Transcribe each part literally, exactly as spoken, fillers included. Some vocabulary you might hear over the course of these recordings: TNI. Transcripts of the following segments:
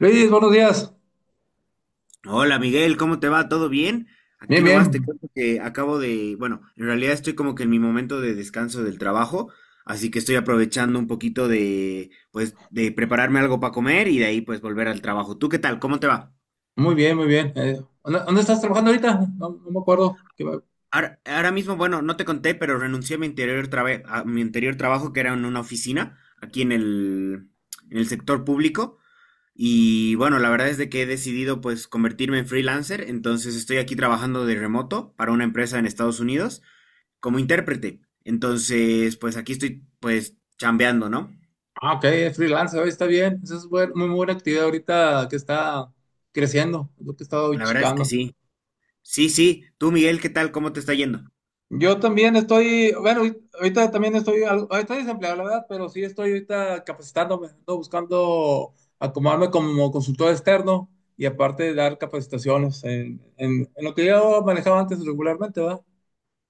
Luis, buenos días. Hola Miguel, ¿cómo te va? ¿Todo bien? Aquí Bien, nomás te bien. cuento que acabo de, bueno, en realidad estoy como que en mi momento de descanso del trabajo, así que estoy aprovechando un poquito de, pues, de prepararme algo para comer y de ahí pues volver al trabajo. ¿Tú qué tal? ¿Cómo te va? Muy bien, muy bien. Eh, ¿dónde, dónde estás trabajando ahorita? No, no me acuerdo. ¿Qué va- Ahora, ahora mismo, bueno, no te conté, pero renuncié a mi anterior trabe- a mi anterior trabajo que era en una oficina aquí en el, en el sector público. Y bueno, la verdad es de que he decidido pues convertirme en freelancer, entonces estoy aquí trabajando de remoto para una empresa en Estados Unidos, como intérprete. Entonces, pues aquí estoy, pues, chambeando, ¿no? Ah, ok, es freelance, eh, está bien. Esa es buen- muy buena actividad ahorita que está creciendo, es lo que he estado La verdad es que checando. sí. Sí, sí. Tú, Miguel, ¿qué tal? ¿Cómo te está yendo? Yo también estoy, bueno, ahorita ahorita también estoy, algo- estoy desempleado, la verdad, pero sí estoy ahorita capacitándome, ando buscando acomodarme como consultor externo y aparte dar capacitaciones en, en- en lo que yo manejaba antes regularmente, ¿verdad?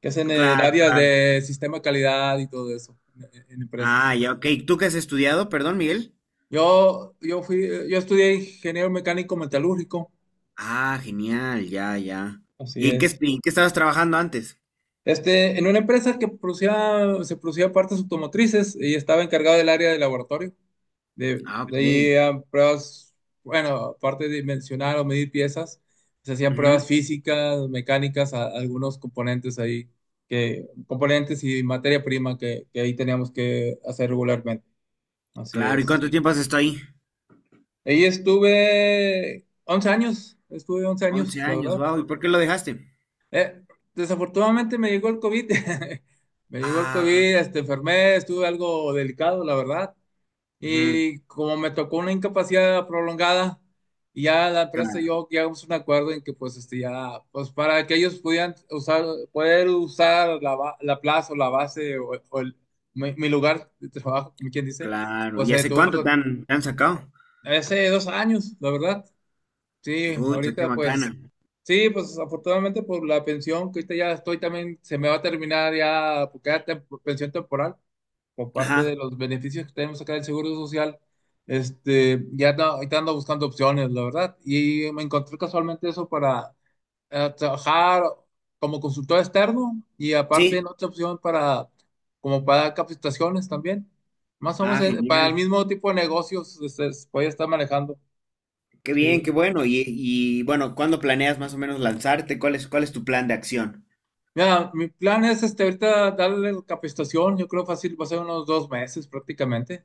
Que es en el Claro, área claro. de sistema de calidad y todo eso, en, en empresas. Ah, ya, ok. ¿Tú qué has estudiado? Perdón, Miguel. Yo, yo fui, yo estudié ingeniero mecánico metalúrgico, Ah, genial, ya, ya. así ¿Y en qué, es. est- en qué estabas trabajando antes? Este, en una empresa que producía, se producía partes automotrices y estaba encargado del área de laboratorio, de, Ah, de ok. ahí a pruebas, bueno, aparte de dimensionar o medir piezas, se hacían Ujú. pruebas físicas, mecánicas, a- algunos componentes ahí, que, componentes y materia prima que, que ahí teníamos que hacer regularmente, así Claro, ¿y es. cuánto tiempo has estado ahí? Ahí estuve once años, estuve once Once años, la años, verdad. wow. ¿Y por qué lo dejaste? Eh, Desafortunadamente me llegó el COVID. Me llegó el Ah, COVID. Este, enfermé, estuve algo delicado, la verdad. ujú, Y como me tocó una incapacidad prolongada, y ya la empresa y claro, yo llegamos a un acuerdo en que pues este, ya, pues para que ellos pudieran usar, poder usar la, ba- la plaza o la base o, o el- mi, mi lugar de trabajo, como quien dice, claro. pues ¿Y se hace tuvo cuánto te que, han, te han sacado? hace dos años, la verdad. Sí, Pucha, qué ahorita macana. pues, sí, pues afortunadamente por la pensión, que ahorita ya estoy también, se me va a terminar ya, porque era tem- pensión temporal, por parte de Ajá, los beneficios que tenemos acá del Seguro Social. Este, ya ando- ahorita ando buscando opciones, la verdad, y me encontré casualmente eso para eh, trabajar como consultor externo y aparte sí. en otra opción para, como para dar capacitaciones también, más o menos Ah, eh, para el genial. mismo tipo de negocios, este, voy a estar manejando, Qué sí. bien, qué bueno. Y, y, bueno, ¿cuándo planeas más o menos lanzarte? ¿Cuál es, ¿cuál es tu plan de acción? Mira, mi plan es este, ahorita darle capacitación, yo creo fácil, va a ser unos dos meses prácticamente.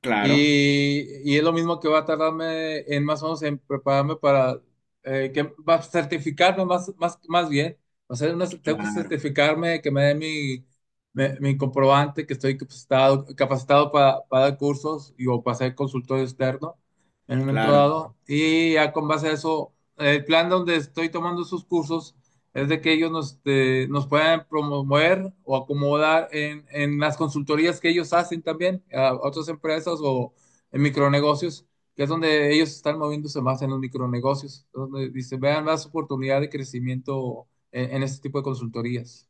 Claro, Y, y es lo mismo que va a tardarme en más o menos en prepararme para eh, que va a certificarme más, más, más bien. O sea, una- tengo que claro, certificarme, que me dé mi, me- mi comprobante, que estoy capacitado, capacitado para, para dar cursos y, o para ser consultor externo en un momento claro. dado. Y ya con base a eso, el plan donde estoy tomando esos cursos es de que ellos nos, este, nos puedan promover o acomodar en, en las consultorías que ellos hacen también a otras empresas o en micronegocios, que es donde ellos están moviéndose más en los micronegocios, donde dice, vean más oportunidad de crecimiento en, en este tipo de consultorías.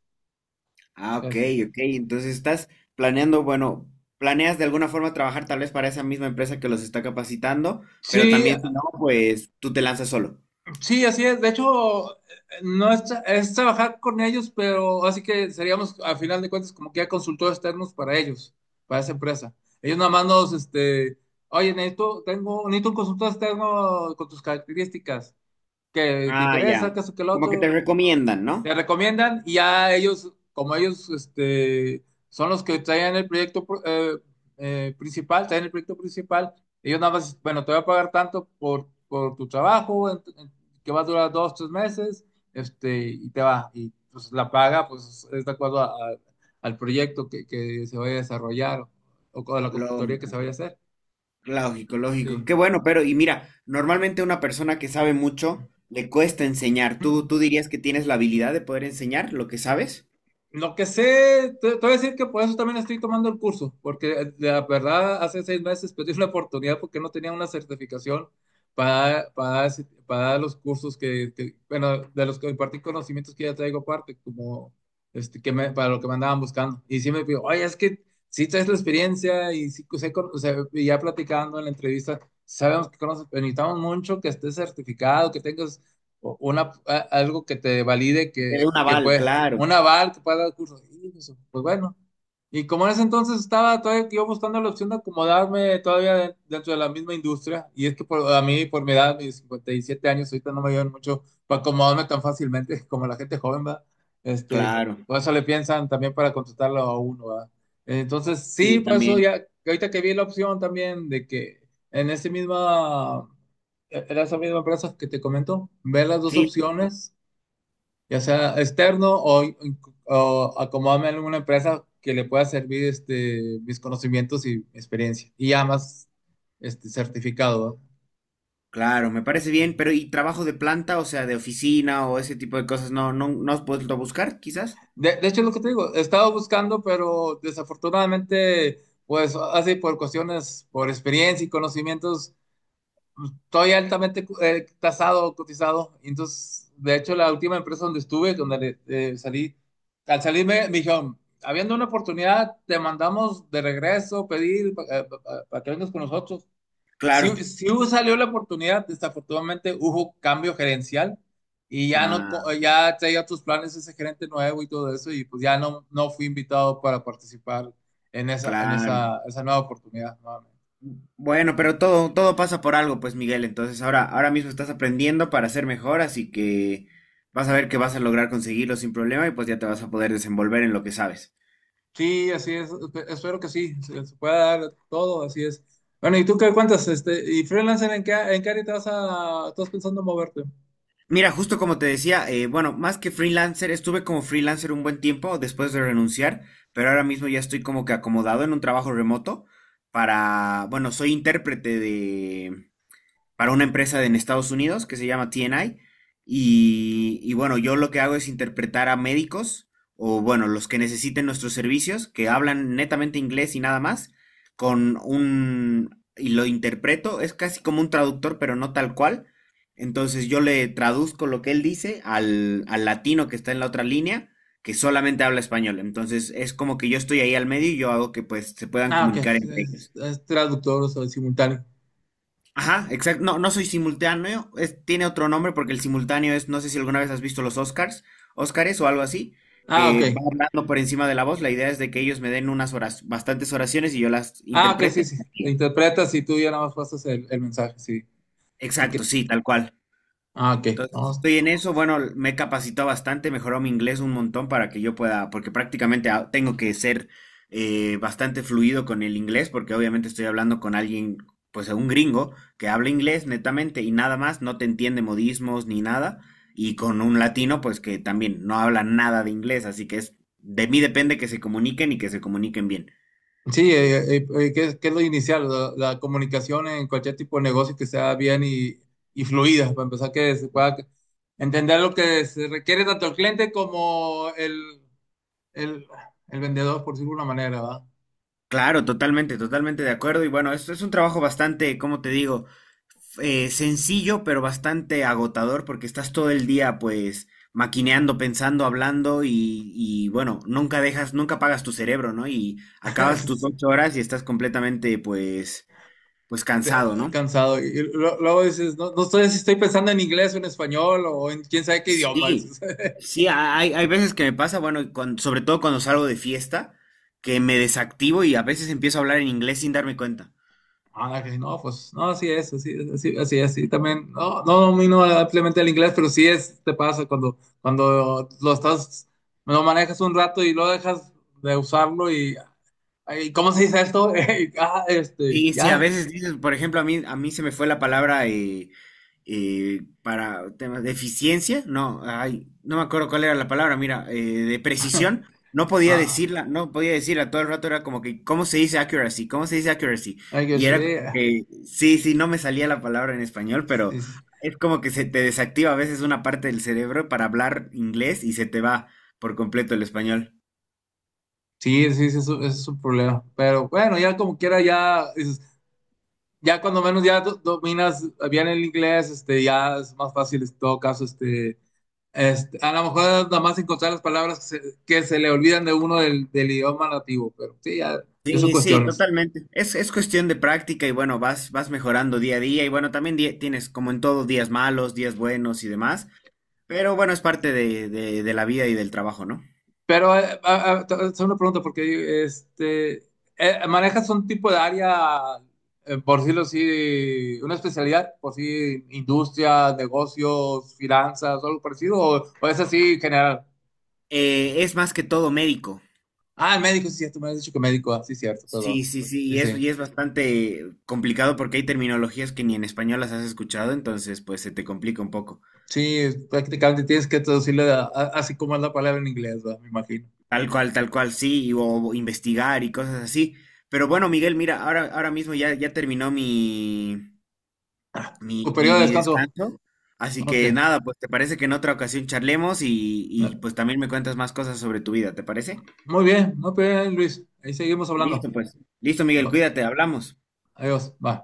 Ah, ok, Así. ok. Entonces estás planeando, bueno, planeas de alguna forma trabajar tal vez para esa misma empresa que los está capacitando, pero Sí, también si no, pues tú te lanzas solo. Sí, así es. De hecho, eh, no es, tra- es trabajar con ellos, pero así que seríamos, a final de cuentas, como que ya consultores externos para ellos, para esa empresa. Ellos nada más nos, este, oye, necesito, tengo, necesito un consultor externo con tus características, que te Ah, interesa, ya. que eso, que el Como que te otro, recomiendan, ¿no? te recomiendan y ya ellos, como ellos este, son los que traen el proyecto pr- eh, eh, principal, traen el proyecto principal, ellos nada más, bueno, te voy a pagar tanto por, por tu trabajo, en- en- que va a durar dos, tres meses, este, y te va, y pues la paga, pues es de acuerdo a- a- al proyecto que, que se vaya a desarrollar o, con la consultoría que se Lógico, vaya a hacer. lógico, lógico. Qué Sí. bueno, pero y mira, normalmente una persona que sabe mucho le cuesta enseñar. ¿Tú, tú dirías que tienes la habilidad de poder enseñar lo que sabes? Lo que sé, te, te voy a decir que por eso también estoy tomando el curso, porque la verdad hace seis meses perdí una oportunidad porque no tenía una certificación para, para, ese- para dar los cursos que, que- bueno, de los que impartí conocimientos que ya traigo aparte, como este, que me, para lo que me andaban buscando. Y sí me pidió, oye, es que sí traes la experiencia y sí, sé con- o sea, y ya platicando en la entrevista, sabemos que conoces, pero necesitamos mucho que estés certificado, que tengas o una, a- algo que te valide Te dé que, un que aval, puedes, claro, un aval que pueda dar curso. Y pues pues bueno. Y como en ese entonces estaba todavía yo buscando la opción de acomodarme todavía de- dentro de la misma industria, y es que por, a mí, por mi edad, mis cincuenta y siete años, ahorita no me ayudan mucho para acomodarme tan fácilmente como la gente joven, ¿verdad? Este, claro. por eso le piensan también para contratarlo a uno, ¿verdad? Entonces, sí, Sí, por eso también. ya, ahorita que vi la opción también de que en ese mismo e-, era esa misma empresa que te comento, ver las dos Sí, opciones, ya sea externo o, o acomodarme en una empresa que le pueda servir este, mis conocimientos y experiencia. Y ya más este, certificado, ¿verdad? claro, me parece bien, pero ¿y trabajo de planta, o sea, de oficina o ese tipo de cosas? ¿No, no, no has vuelto a buscar, quizás? De, de hecho, es lo que te digo, he estado buscando, pero desafortunadamente, pues así por cuestiones, por experiencia y conocimientos, estoy altamente eh, tasado, cotizado. Entonces, de hecho, la última empresa donde estuve, donde eh, salí, al salir me, me dijeron, habiendo una oportunidad, te mandamos de regreso pedir para que vengas con nosotros. Sí, Claro. sí hubo- salió la oportunidad, desafortunadamente hubo cambio gerencial y ya no, Ah, co- eh, ya traía otros planes ese gerente nuevo y todo eso y pues ya no, no fui invitado para participar en esa, en claro. esa, esa nueva oportunidad nuevamente. Bueno, Sí. pero todo, todo pasa por algo, pues, Miguel. Entonces, ahora, ahora mismo estás aprendiendo para ser mejor, así que vas a ver que vas a lograr conseguirlo sin problema y pues ya te vas a poder desenvolver en lo que sabes. Sí, así es. Espe- Espero que sí, se, se pueda dar todo, así es. Bueno, ¿y tú qué cuentas? Este, ¿y freelancer en qué, en qué área te vas a, estás pensando moverte? Mira, justo como te decía, eh, bueno, más que freelancer, estuve como freelancer un buen tiempo después de renunciar, pero ahora mismo ya estoy como que acomodado en un trabajo remoto para, bueno, soy intérprete para una empresa en Estados Unidos que se llama T N I. Y, y bueno, yo lo que hago es interpretar a médicos o bueno, los que necesiten nuestros servicios, que hablan netamente inglés y nada más, con un... y lo interpreto, es casi como un traductor, pero no tal cual. Entonces yo le traduzco lo que él dice al, al latino que está en la otra línea, que solamente habla español. Entonces es como que yo estoy ahí al medio y yo hago que pues se puedan Ah, ok, comunicar es, entre es- ellos. es traductor, o sea, simultáneo. Ajá, exacto. No, no soy simultáneo. Es- tiene otro nombre porque el simultáneo es, no sé si alguna vez has visto los Oscars, Oscars o algo así, Ah, que ok. va hablando por encima de la voz. La idea es de que ellos me den unas horas, bastantes oraciones y yo las Ah, ok, sí, interprete. sí. Te interpretas y tú ya nada más pasas el, el mensaje, sí. Así Exacto, que, sí, tal cual. ah, ok. Entonces, No, estoy en eso. Bueno, me he capacitado bastante, mejoró mi inglés un montón para que yo pueda, porque prácticamente ah, tengo que ser eh, bastante fluido con el inglés, porque obviamente estoy hablando con alguien, pues un gringo, que habla inglés netamente y nada más, no te entiende modismos ni nada, y con un latino, pues que también no habla nada de inglés, así que es, de mí depende que se comuniquen y que se comuniquen bien. Sí, eh, eh, eh, que, es que es lo inicial, la, la comunicación en cualquier tipo de negocio que sea bien y, y fluida, para empezar que se pueda entender lo que se requiere tanto el cliente como el, el, el vendedor, por decirlo de una manera, ¿va? Claro, totalmente, totalmente de acuerdo. Y bueno, esto es un trabajo bastante, como te digo, eh, sencillo, pero bastante agotador porque estás todo el día pues maquineando, pensando, hablando y, y, bueno, nunca dejas, nunca pagas tu cerebro, ¿no? Y acabas tus Es- ocho horas y estás completamente pues, pues cansado, te- ¿no? Cansado. Y lo- luego dices, no, no sé si estoy pensando en inglés o en español o en quién sabe qué idioma. Sí, sí, ha- hay, hay veces que me pasa, bueno, cuan- sobre todo cuando salgo de fiesta, que me desactivo y a veces empiezo a hablar en inglés sin darme cuenta. Ah, que si no, pues no, así es, así es, así, así es, sí, también, no, no domino ampliamente el inglés, pero sí es, te pasa cuando, cuando lo estás, lo manejas un rato y lo dejas de usarlo y, ay, ¿cómo se dice esto? Y, ah, este, Sí, sí, a ya, veces dices, por ejemplo, a mí, a mí se me fue la palabra eh, eh, para temas de eficiencia, no, ay, no me acuerdo cuál era la palabra, mira, eh, de precisión, no podía ah, decirla, no podía decirla, todo el rato era como que, ¿cómo se dice accuracy? ¿Cómo se dice accuracy? I Y guess, era como yeah. que, sí, sí, no me salía la palabra en español, pero Sí, sí, es como que se te desactiva a veces una parte del cerebro para hablar inglés y se te va por completo el español. sí, sí, sí, es, un es un problema, pero bueno, ya como quiera, ya, es- ya cuando menos ya do- dominas bien el inglés, este, ya es más fácil en todo caso, este Este, a lo mejor nada más encontrar las palabras que se, que se le olvidan de uno del, del idioma nativo, pero sí, ya, ya son Sí, sí, cuestiones. totalmente. Es, es cuestión de práctica y bueno, vas, vas mejorando día a día y bueno, también di- tienes como en todo días malos, días buenos y demás, pero bueno, es parte de, de, de la vida y del trabajo, ¿no? Pero eh, a- a- te voy a hacer una pregunta, porque este, eh, ¿manejas un tipo de área, eh, por decirlo así, una especialidad, por si industria, negocios, finanzas, o algo parecido, o, o es así general? Eh, es más que todo médico. Ah, médico, sí, cierto, me has dicho que médico, ah, sí, cierto, perdón. Sí, sí, sí, Sí, y es, sí. y es bastante complicado porque hay terminologías que ni en español las has escuchado, entonces pues se te complica un poco. Sí, prácticamente tienes que traducirle a- a- así como es la palabra en inglés, ¿verdad? Me imagino. Tal cual, tal cual, sí, y- o investigar y cosas así. Pero bueno, Miguel, mira, ahora, ahora mismo ya, ya terminó mi, Tu mi, periodo mi, de mi descanso. descanso. Así Ok. que nada, pues te parece que en otra ocasión charlemos y, y pues también me cuentas más cosas sobre tu vida, ¿te parece? Muy bien, muy bien, Luis. Ahí seguimos hablando. Listo, pues. Listo, Miguel, Va. cuídate, hablamos. Adiós. Bye.